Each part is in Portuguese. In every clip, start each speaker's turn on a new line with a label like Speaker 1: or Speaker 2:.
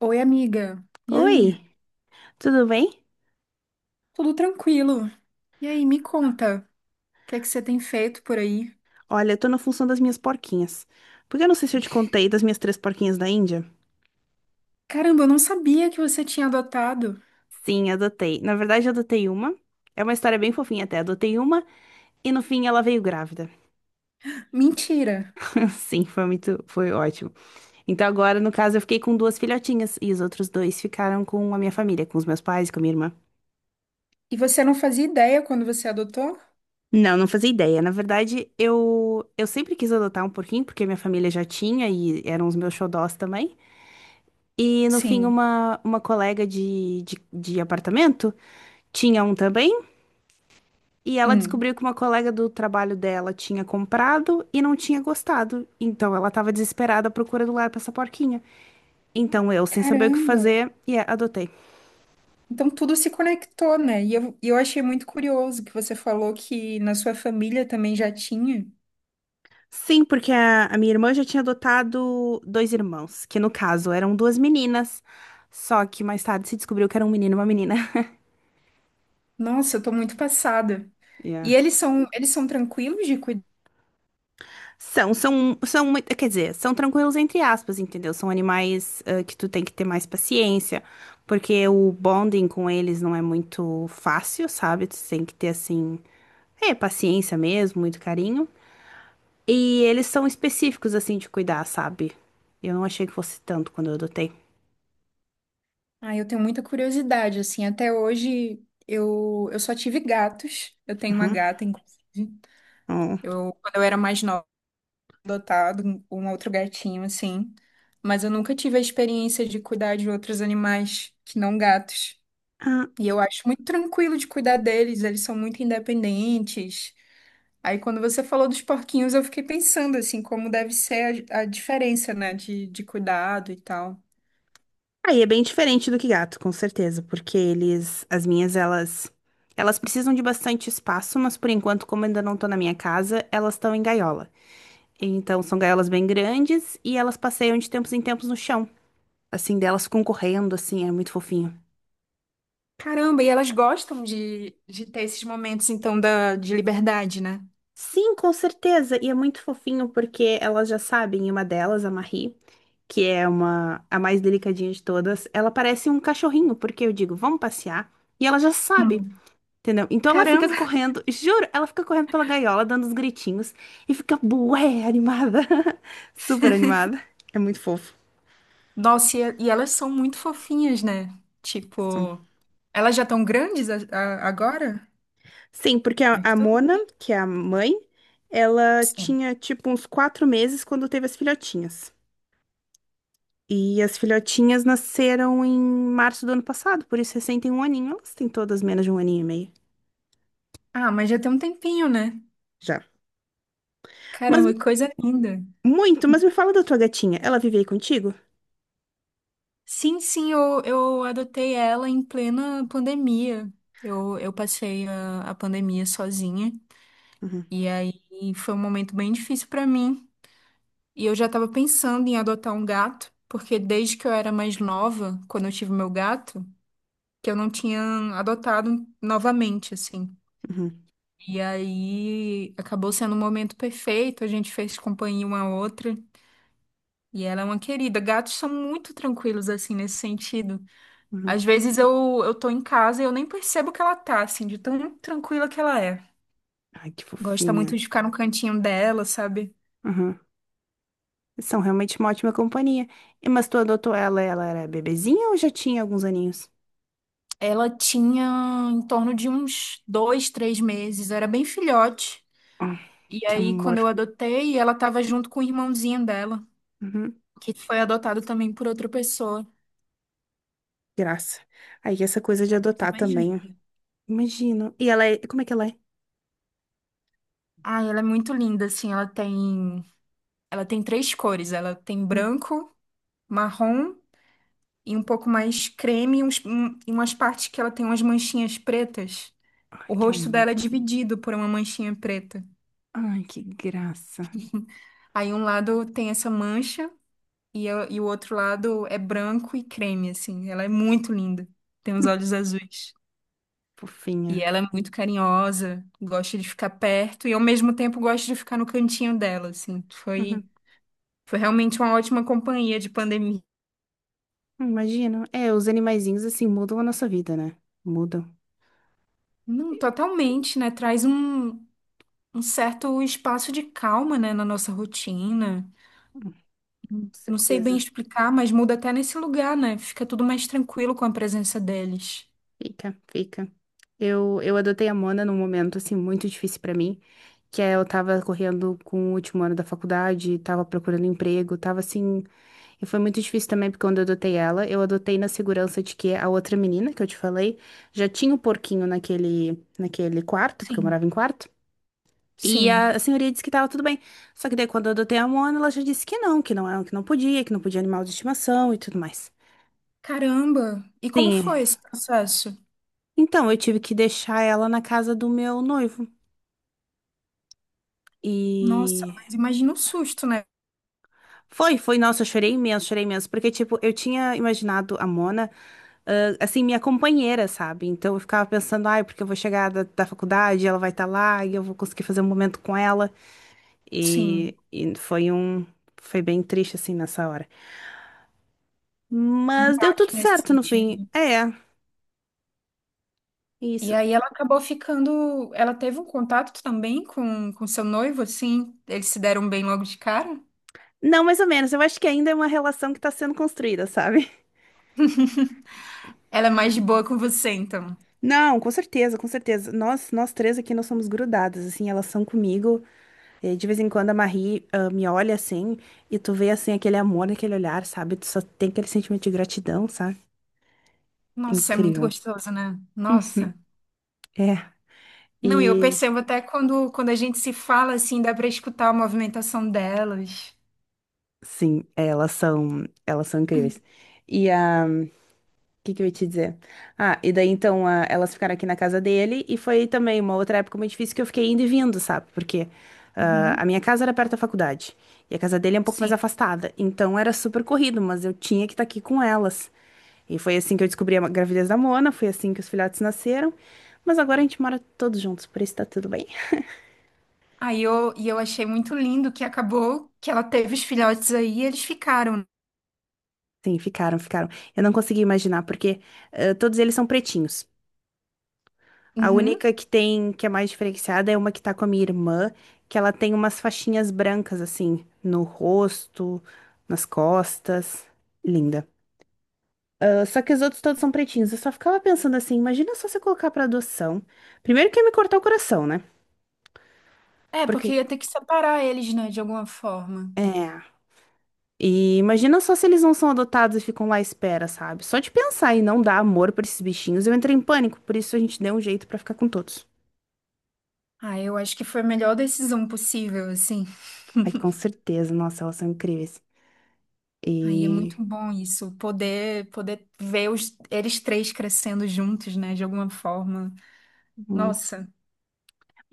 Speaker 1: Oi, amiga. E aí?
Speaker 2: Oi, tudo bem?
Speaker 1: Tudo tranquilo? E aí, me conta, o que é que você tem feito por aí?
Speaker 2: Olha, eu tô na função das minhas porquinhas. Porque eu não sei se eu te contei das minhas três porquinhas da Índia.
Speaker 1: Caramba, eu não sabia que você tinha adotado.
Speaker 2: Sim, adotei. Na verdade, eu adotei uma. É uma história bem fofinha até. Adotei uma e no fim ela veio grávida.
Speaker 1: Mentira.
Speaker 2: Sim, foi ótimo. Então agora, no caso, eu fiquei com duas filhotinhas e os outros dois ficaram com a minha família, com os meus pais, com a minha irmã.
Speaker 1: E você não fazia ideia quando você adotou?
Speaker 2: Não, não fazia ideia. Na verdade, eu sempre quis adotar um porquinho porque minha família já tinha e eram os meus xodós também. E no fim,
Speaker 1: Sim.
Speaker 2: uma colega de apartamento tinha um também. E ela
Speaker 1: Hum.
Speaker 2: descobriu que uma colega do trabalho dela tinha comprado e não tinha gostado. Então ela tava desesperada à procura do lar pra essa porquinha. Então eu, sem saber o que
Speaker 1: Caramba.
Speaker 2: fazer, adotei.
Speaker 1: Então tudo se conectou, né? E eu achei muito curioso que você falou que na sua família também já tinha.
Speaker 2: Sim, porque a minha irmã já tinha adotado dois irmãos, que no caso eram duas meninas. Só que mais tarde se descobriu que era um menino e uma menina.
Speaker 1: Nossa, eu tô muito passada.
Speaker 2: Yeah.
Speaker 1: E eles são tranquilos de cuidar?
Speaker 2: São, quer dizer, são tranquilos entre aspas, entendeu? São animais, ah, que tu tem que ter mais paciência, porque o bonding com eles não é muito fácil, sabe? Tu tem que ter, assim, paciência mesmo, muito carinho. E eles são específicos, assim, de cuidar, sabe? Eu não achei que fosse tanto quando eu adotei.
Speaker 1: Ah, eu tenho muita curiosidade, assim, até hoje eu só tive gatos, eu tenho uma
Speaker 2: Uhum.
Speaker 1: gata, inclusive.
Speaker 2: Hum.
Speaker 1: Eu, quando eu era mais nova, adotado um outro gatinho, assim, mas eu nunca tive a experiência de cuidar de outros animais que não gatos.
Speaker 2: Ah,
Speaker 1: E eu acho muito tranquilo de cuidar deles, eles são muito independentes. Aí quando você falou dos porquinhos, eu fiquei pensando, assim, como deve ser a diferença, né, de cuidado e tal.
Speaker 2: aí é bem diferente do que gato, com certeza, porque eles, as minhas, elas precisam de bastante espaço, mas por enquanto, como ainda não tô na minha casa, elas estão em gaiola. Então, são gaiolas bem grandes e elas passeiam de tempos em tempos no chão. Assim, delas ficam correndo, assim, é muito fofinho.
Speaker 1: Caramba, e elas gostam de ter esses momentos, então, da, de liberdade, né?
Speaker 2: Sim, com certeza. E é muito fofinho porque elas já sabem, e uma delas, a Marie, que é uma a mais delicadinha de todas, ela parece um cachorrinho, porque eu digo, vamos passear, e ela já sabe,
Speaker 1: Hum.
Speaker 2: entendeu? Então ela fica
Speaker 1: Caramba!
Speaker 2: correndo, juro, ela fica correndo pela gaiola, dando uns gritinhos, e fica bué animada. Super animada. É muito fofo.
Speaker 1: Nossa, e elas são muito fofinhas, né?
Speaker 2: São
Speaker 1: Tipo, elas já estão grandes agora?
Speaker 2: Sim, porque a
Speaker 1: Mas tu?
Speaker 2: Mona, que é a mãe, ela
Speaker 1: Sim.
Speaker 2: tinha tipo uns 4 meses quando teve as filhotinhas. E as filhotinhas nasceram em março do ano passado, por isso recém tem um aninho. Elas têm todas menos de um aninho e meio
Speaker 1: Ah, mas já tem um tempinho, né?
Speaker 2: já. Mas
Speaker 1: Caramba, que coisa linda.
Speaker 2: mas me fala da tua gatinha. Ela vive aí contigo?
Speaker 1: Sim, sim, eu adotei ela em plena pandemia. Eu passei a pandemia sozinha,
Speaker 2: Uhum,
Speaker 1: e aí foi um momento bem difícil pra mim. E eu já estava pensando em adotar um gato, porque desde que eu era mais nova, quando eu tive meu gato, que eu não tinha adotado novamente, assim.
Speaker 2: uhum,
Speaker 1: E aí acabou sendo um momento perfeito, a gente fez companhia uma à outra. E ela é uma querida. Gatos são muito tranquilos, assim, nesse sentido.
Speaker 2: uhum.
Speaker 1: Às vezes eu tô em casa e eu nem percebo que ela tá, assim, de tão tranquila que ela é.
Speaker 2: Ai, que
Speaker 1: Gosta muito
Speaker 2: fofinha.
Speaker 1: de ficar no cantinho dela, sabe?
Speaker 2: Uhum. São realmente uma ótima companhia. Mas tu adotou ela era bebezinha ou já tinha alguns aninhos?
Speaker 1: Ela tinha em torno de uns dois, três meses, era bem filhote.
Speaker 2: Ah,
Speaker 1: E
Speaker 2: que
Speaker 1: aí, quando
Speaker 2: amor.
Speaker 1: eu adotei, ela estava junto com o irmãozinho dela,
Speaker 2: Uhum.
Speaker 1: que foi adotado também por outra pessoa.
Speaker 2: Graça. Aí essa coisa de
Speaker 1: É a coisa
Speaker 2: adotar
Speaker 1: mais
Speaker 2: também.
Speaker 1: linda.
Speaker 2: Imagino. E ela é. Como é que ela é?
Speaker 1: Ah, ela é muito linda, assim, ela tem três cores, ela tem
Speaker 2: Hum.
Speaker 1: branco, marrom e um pouco mais creme, e umas partes que ela tem umas manchinhas pretas.
Speaker 2: Ai,
Speaker 1: O
Speaker 2: que
Speaker 1: rosto
Speaker 2: amor.
Speaker 1: dela é dividido por uma manchinha preta.
Speaker 2: Ai, que graça.
Speaker 1: Aí um lado tem essa mancha. E o outro lado é branco e creme, assim. Ela é muito linda. Tem os
Speaker 2: Hum,
Speaker 1: olhos azuis. E
Speaker 2: Fofinha.
Speaker 1: ela é muito carinhosa, gosta de ficar perto e ao mesmo tempo gosta de ficar no cantinho dela, assim.
Speaker 2: Uhum.
Speaker 1: Foi realmente uma ótima companhia de pandemia.
Speaker 2: Imagino. É, os animaizinhos assim mudam a nossa vida, né? Mudam.
Speaker 1: Não, totalmente, né? Traz um certo espaço de calma, né, na nossa rotina.
Speaker 2: Com
Speaker 1: Não sei bem
Speaker 2: certeza.
Speaker 1: explicar, mas muda até nesse lugar, né? Fica tudo mais tranquilo com a presença deles.
Speaker 2: Fica, fica. Eu adotei a Mona num momento assim muito difícil pra mim, que é eu tava correndo com o último ano da faculdade, tava procurando emprego, tava assim. E foi muito difícil também, porque quando eu adotei ela, eu adotei na segurança de que a outra menina que eu te falei já tinha o porquinho naquele quarto, porque eu
Speaker 1: Sim,
Speaker 2: morava em quarto. E a,
Speaker 1: sim.
Speaker 2: a senhoria disse que tava tudo bem. Só que daí quando eu adotei a Mona, ela já disse que não é, que não podia animal de estimação e tudo mais.
Speaker 1: Caramba! E como
Speaker 2: Sim.
Speaker 1: foi esse processo?
Speaker 2: Então, eu tive que deixar ela na casa do meu noivo.
Speaker 1: Nossa,
Speaker 2: E
Speaker 1: mas imagina o susto, né?
Speaker 2: foi, nossa, eu chorei imenso, porque, tipo, eu tinha imaginado a Mona, assim, minha companheira, sabe? Então eu ficava pensando, ai, porque eu vou chegar da faculdade, ela vai estar lá e eu vou conseguir fazer um momento com ela. E,
Speaker 1: Sim,
Speaker 2: e foi bem triste, assim, nessa hora. Mas deu tudo
Speaker 1: baque nesse
Speaker 2: certo no fim.
Speaker 1: sentido.
Speaker 2: É,
Speaker 1: E
Speaker 2: isso.
Speaker 1: aí ela acabou ficando. Ela teve um contato também com seu noivo, assim? Eles se deram bem logo de cara?
Speaker 2: Não, mais ou menos, eu acho que ainda é uma relação que tá sendo construída, sabe?
Speaker 1: Ela é mais de boa com você, então.
Speaker 2: Não, com certeza, com certeza. Nós três aqui, nós somos grudadas, assim, elas são comigo. E de vez em quando a Marie, me olha assim e tu vê assim aquele amor naquele olhar, sabe? Tu só tem aquele sentimento de gratidão, sabe?
Speaker 1: Nossa, é muito
Speaker 2: Incrível.
Speaker 1: gostoso, né? Nossa.
Speaker 2: É,
Speaker 1: Não, e eu
Speaker 2: e
Speaker 1: percebo até quando a gente se fala, assim, dá pra escutar a movimentação delas.
Speaker 2: sim, elas são incríveis. E a que eu ia te dizer? Ah, e daí então elas ficaram aqui na casa dele e foi também uma outra época muito difícil que eu fiquei indo e vindo, sabe? Porque a
Speaker 1: Uhum.
Speaker 2: minha casa era perto da faculdade e a casa dele é um pouco mais
Speaker 1: Sim.
Speaker 2: afastada, então era super corrido, mas eu tinha que estar aqui com elas. E foi assim que eu descobri a gravidez da Mona, foi assim que os filhotes nasceram, mas agora a gente mora todos juntos, por isso tá tudo bem.
Speaker 1: Aí eu achei muito lindo que acabou que ela teve os filhotes aí e eles ficaram.
Speaker 2: Sim, ficaram, ficaram. Eu não consegui imaginar, porque todos eles são pretinhos. A
Speaker 1: Uhum.
Speaker 2: única que tem, que é mais diferenciada, é uma que tá com a minha irmã, que ela tem umas faixinhas brancas, assim, no rosto, nas costas. Linda. Só que os outros todos são pretinhos. Eu só ficava pensando assim, imagina só você colocar pra adoção. Primeiro que ia me cortar o coração, né?
Speaker 1: É, porque
Speaker 2: Porque,
Speaker 1: ia ter que separar eles, né, de alguma forma.
Speaker 2: é... E imagina só se eles não são adotados e ficam lá à espera, sabe? Só de pensar em não dar amor pra esses bichinhos, eu entrei em pânico. Por isso a gente deu um jeito pra ficar com todos.
Speaker 1: Ah, eu acho que foi a melhor decisão possível, assim.
Speaker 2: Ai, com certeza. Nossa, elas são incríveis.
Speaker 1: Aí é
Speaker 2: E...
Speaker 1: muito bom isso, poder ver os, eles três crescendo juntos, né, de alguma forma.
Speaker 2: hum,
Speaker 1: Nossa.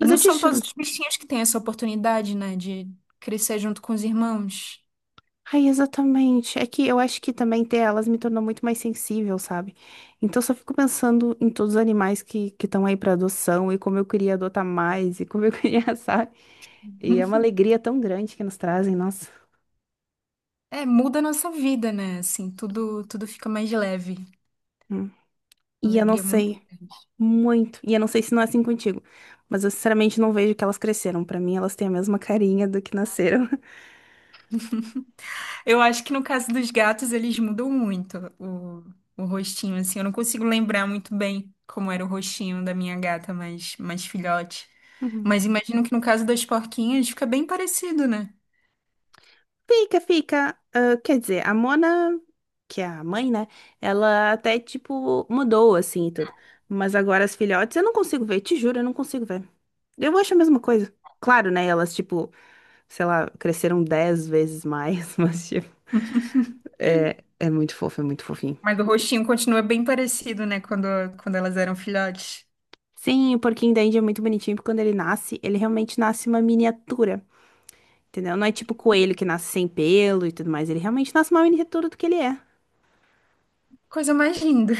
Speaker 1: E não
Speaker 2: eu te
Speaker 1: são todos
Speaker 2: juro.
Speaker 1: os bichinhos que têm essa oportunidade, né, de crescer junto com os irmãos.
Speaker 2: Ai, exatamente. É que eu acho que também ter elas me tornou muito mais sensível, sabe? Então eu só fico pensando em todos os animais que estão aí pra adoção e como eu queria adotar mais e como eu queria, sabe? E é uma alegria tão grande que nos trazem, nossa.
Speaker 1: É, muda a nossa vida, né? Assim, tudo fica mais leve.
Speaker 2: Hum. E eu não
Speaker 1: Alegria muito.
Speaker 2: sei muito. E eu não sei se não é assim contigo. Mas eu sinceramente não vejo que elas cresceram. Pra mim, elas têm a mesma carinha do que nasceram.
Speaker 1: Eu acho que no caso dos gatos, eles mudam muito o rostinho, assim. Eu não consigo lembrar muito bem como era o rostinho da minha gata mais filhote. Mas imagino que no caso das porquinhas fica bem parecido, né?
Speaker 2: Fica, fica. Ah, quer dizer, a Mona, que é a mãe, né? Ela até, tipo, mudou, assim, e tudo. Mas agora as filhotes eu não consigo ver, te juro, eu não consigo ver. Eu acho a mesma coisa. Claro, né? Elas, tipo, sei lá, cresceram 10 vezes mais, mas, tipo, é, é muito fofo, é muito fofinho.
Speaker 1: Mas o rostinho continua bem parecido, né? Quando, quando elas eram filhotes.
Speaker 2: Sim, o porquinho da Índia é muito bonitinho, porque quando ele nasce, ele realmente nasce uma miniatura, entendeu? Não é tipo coelho que nasce sem pelo e tudo mais, ele realmente nasce uma miniatura do que ele é.
Speaker 1: Coisa mais linda.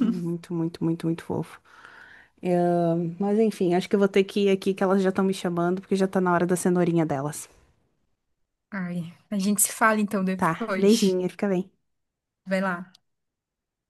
Speaker 2: É muito, muito, muito, muito fofo. Mas enfim, acho que eu vou ter que ir aqui que elas já estão me chamando, porque já tá na hora da cenourinha delas.
Speaker 1: Ai, a gente se fala então
Speaker 2: Tá,
Speaker 1: depois.
Speaker 2: beijinho, fica bem.
Speaker 1: Vai lá.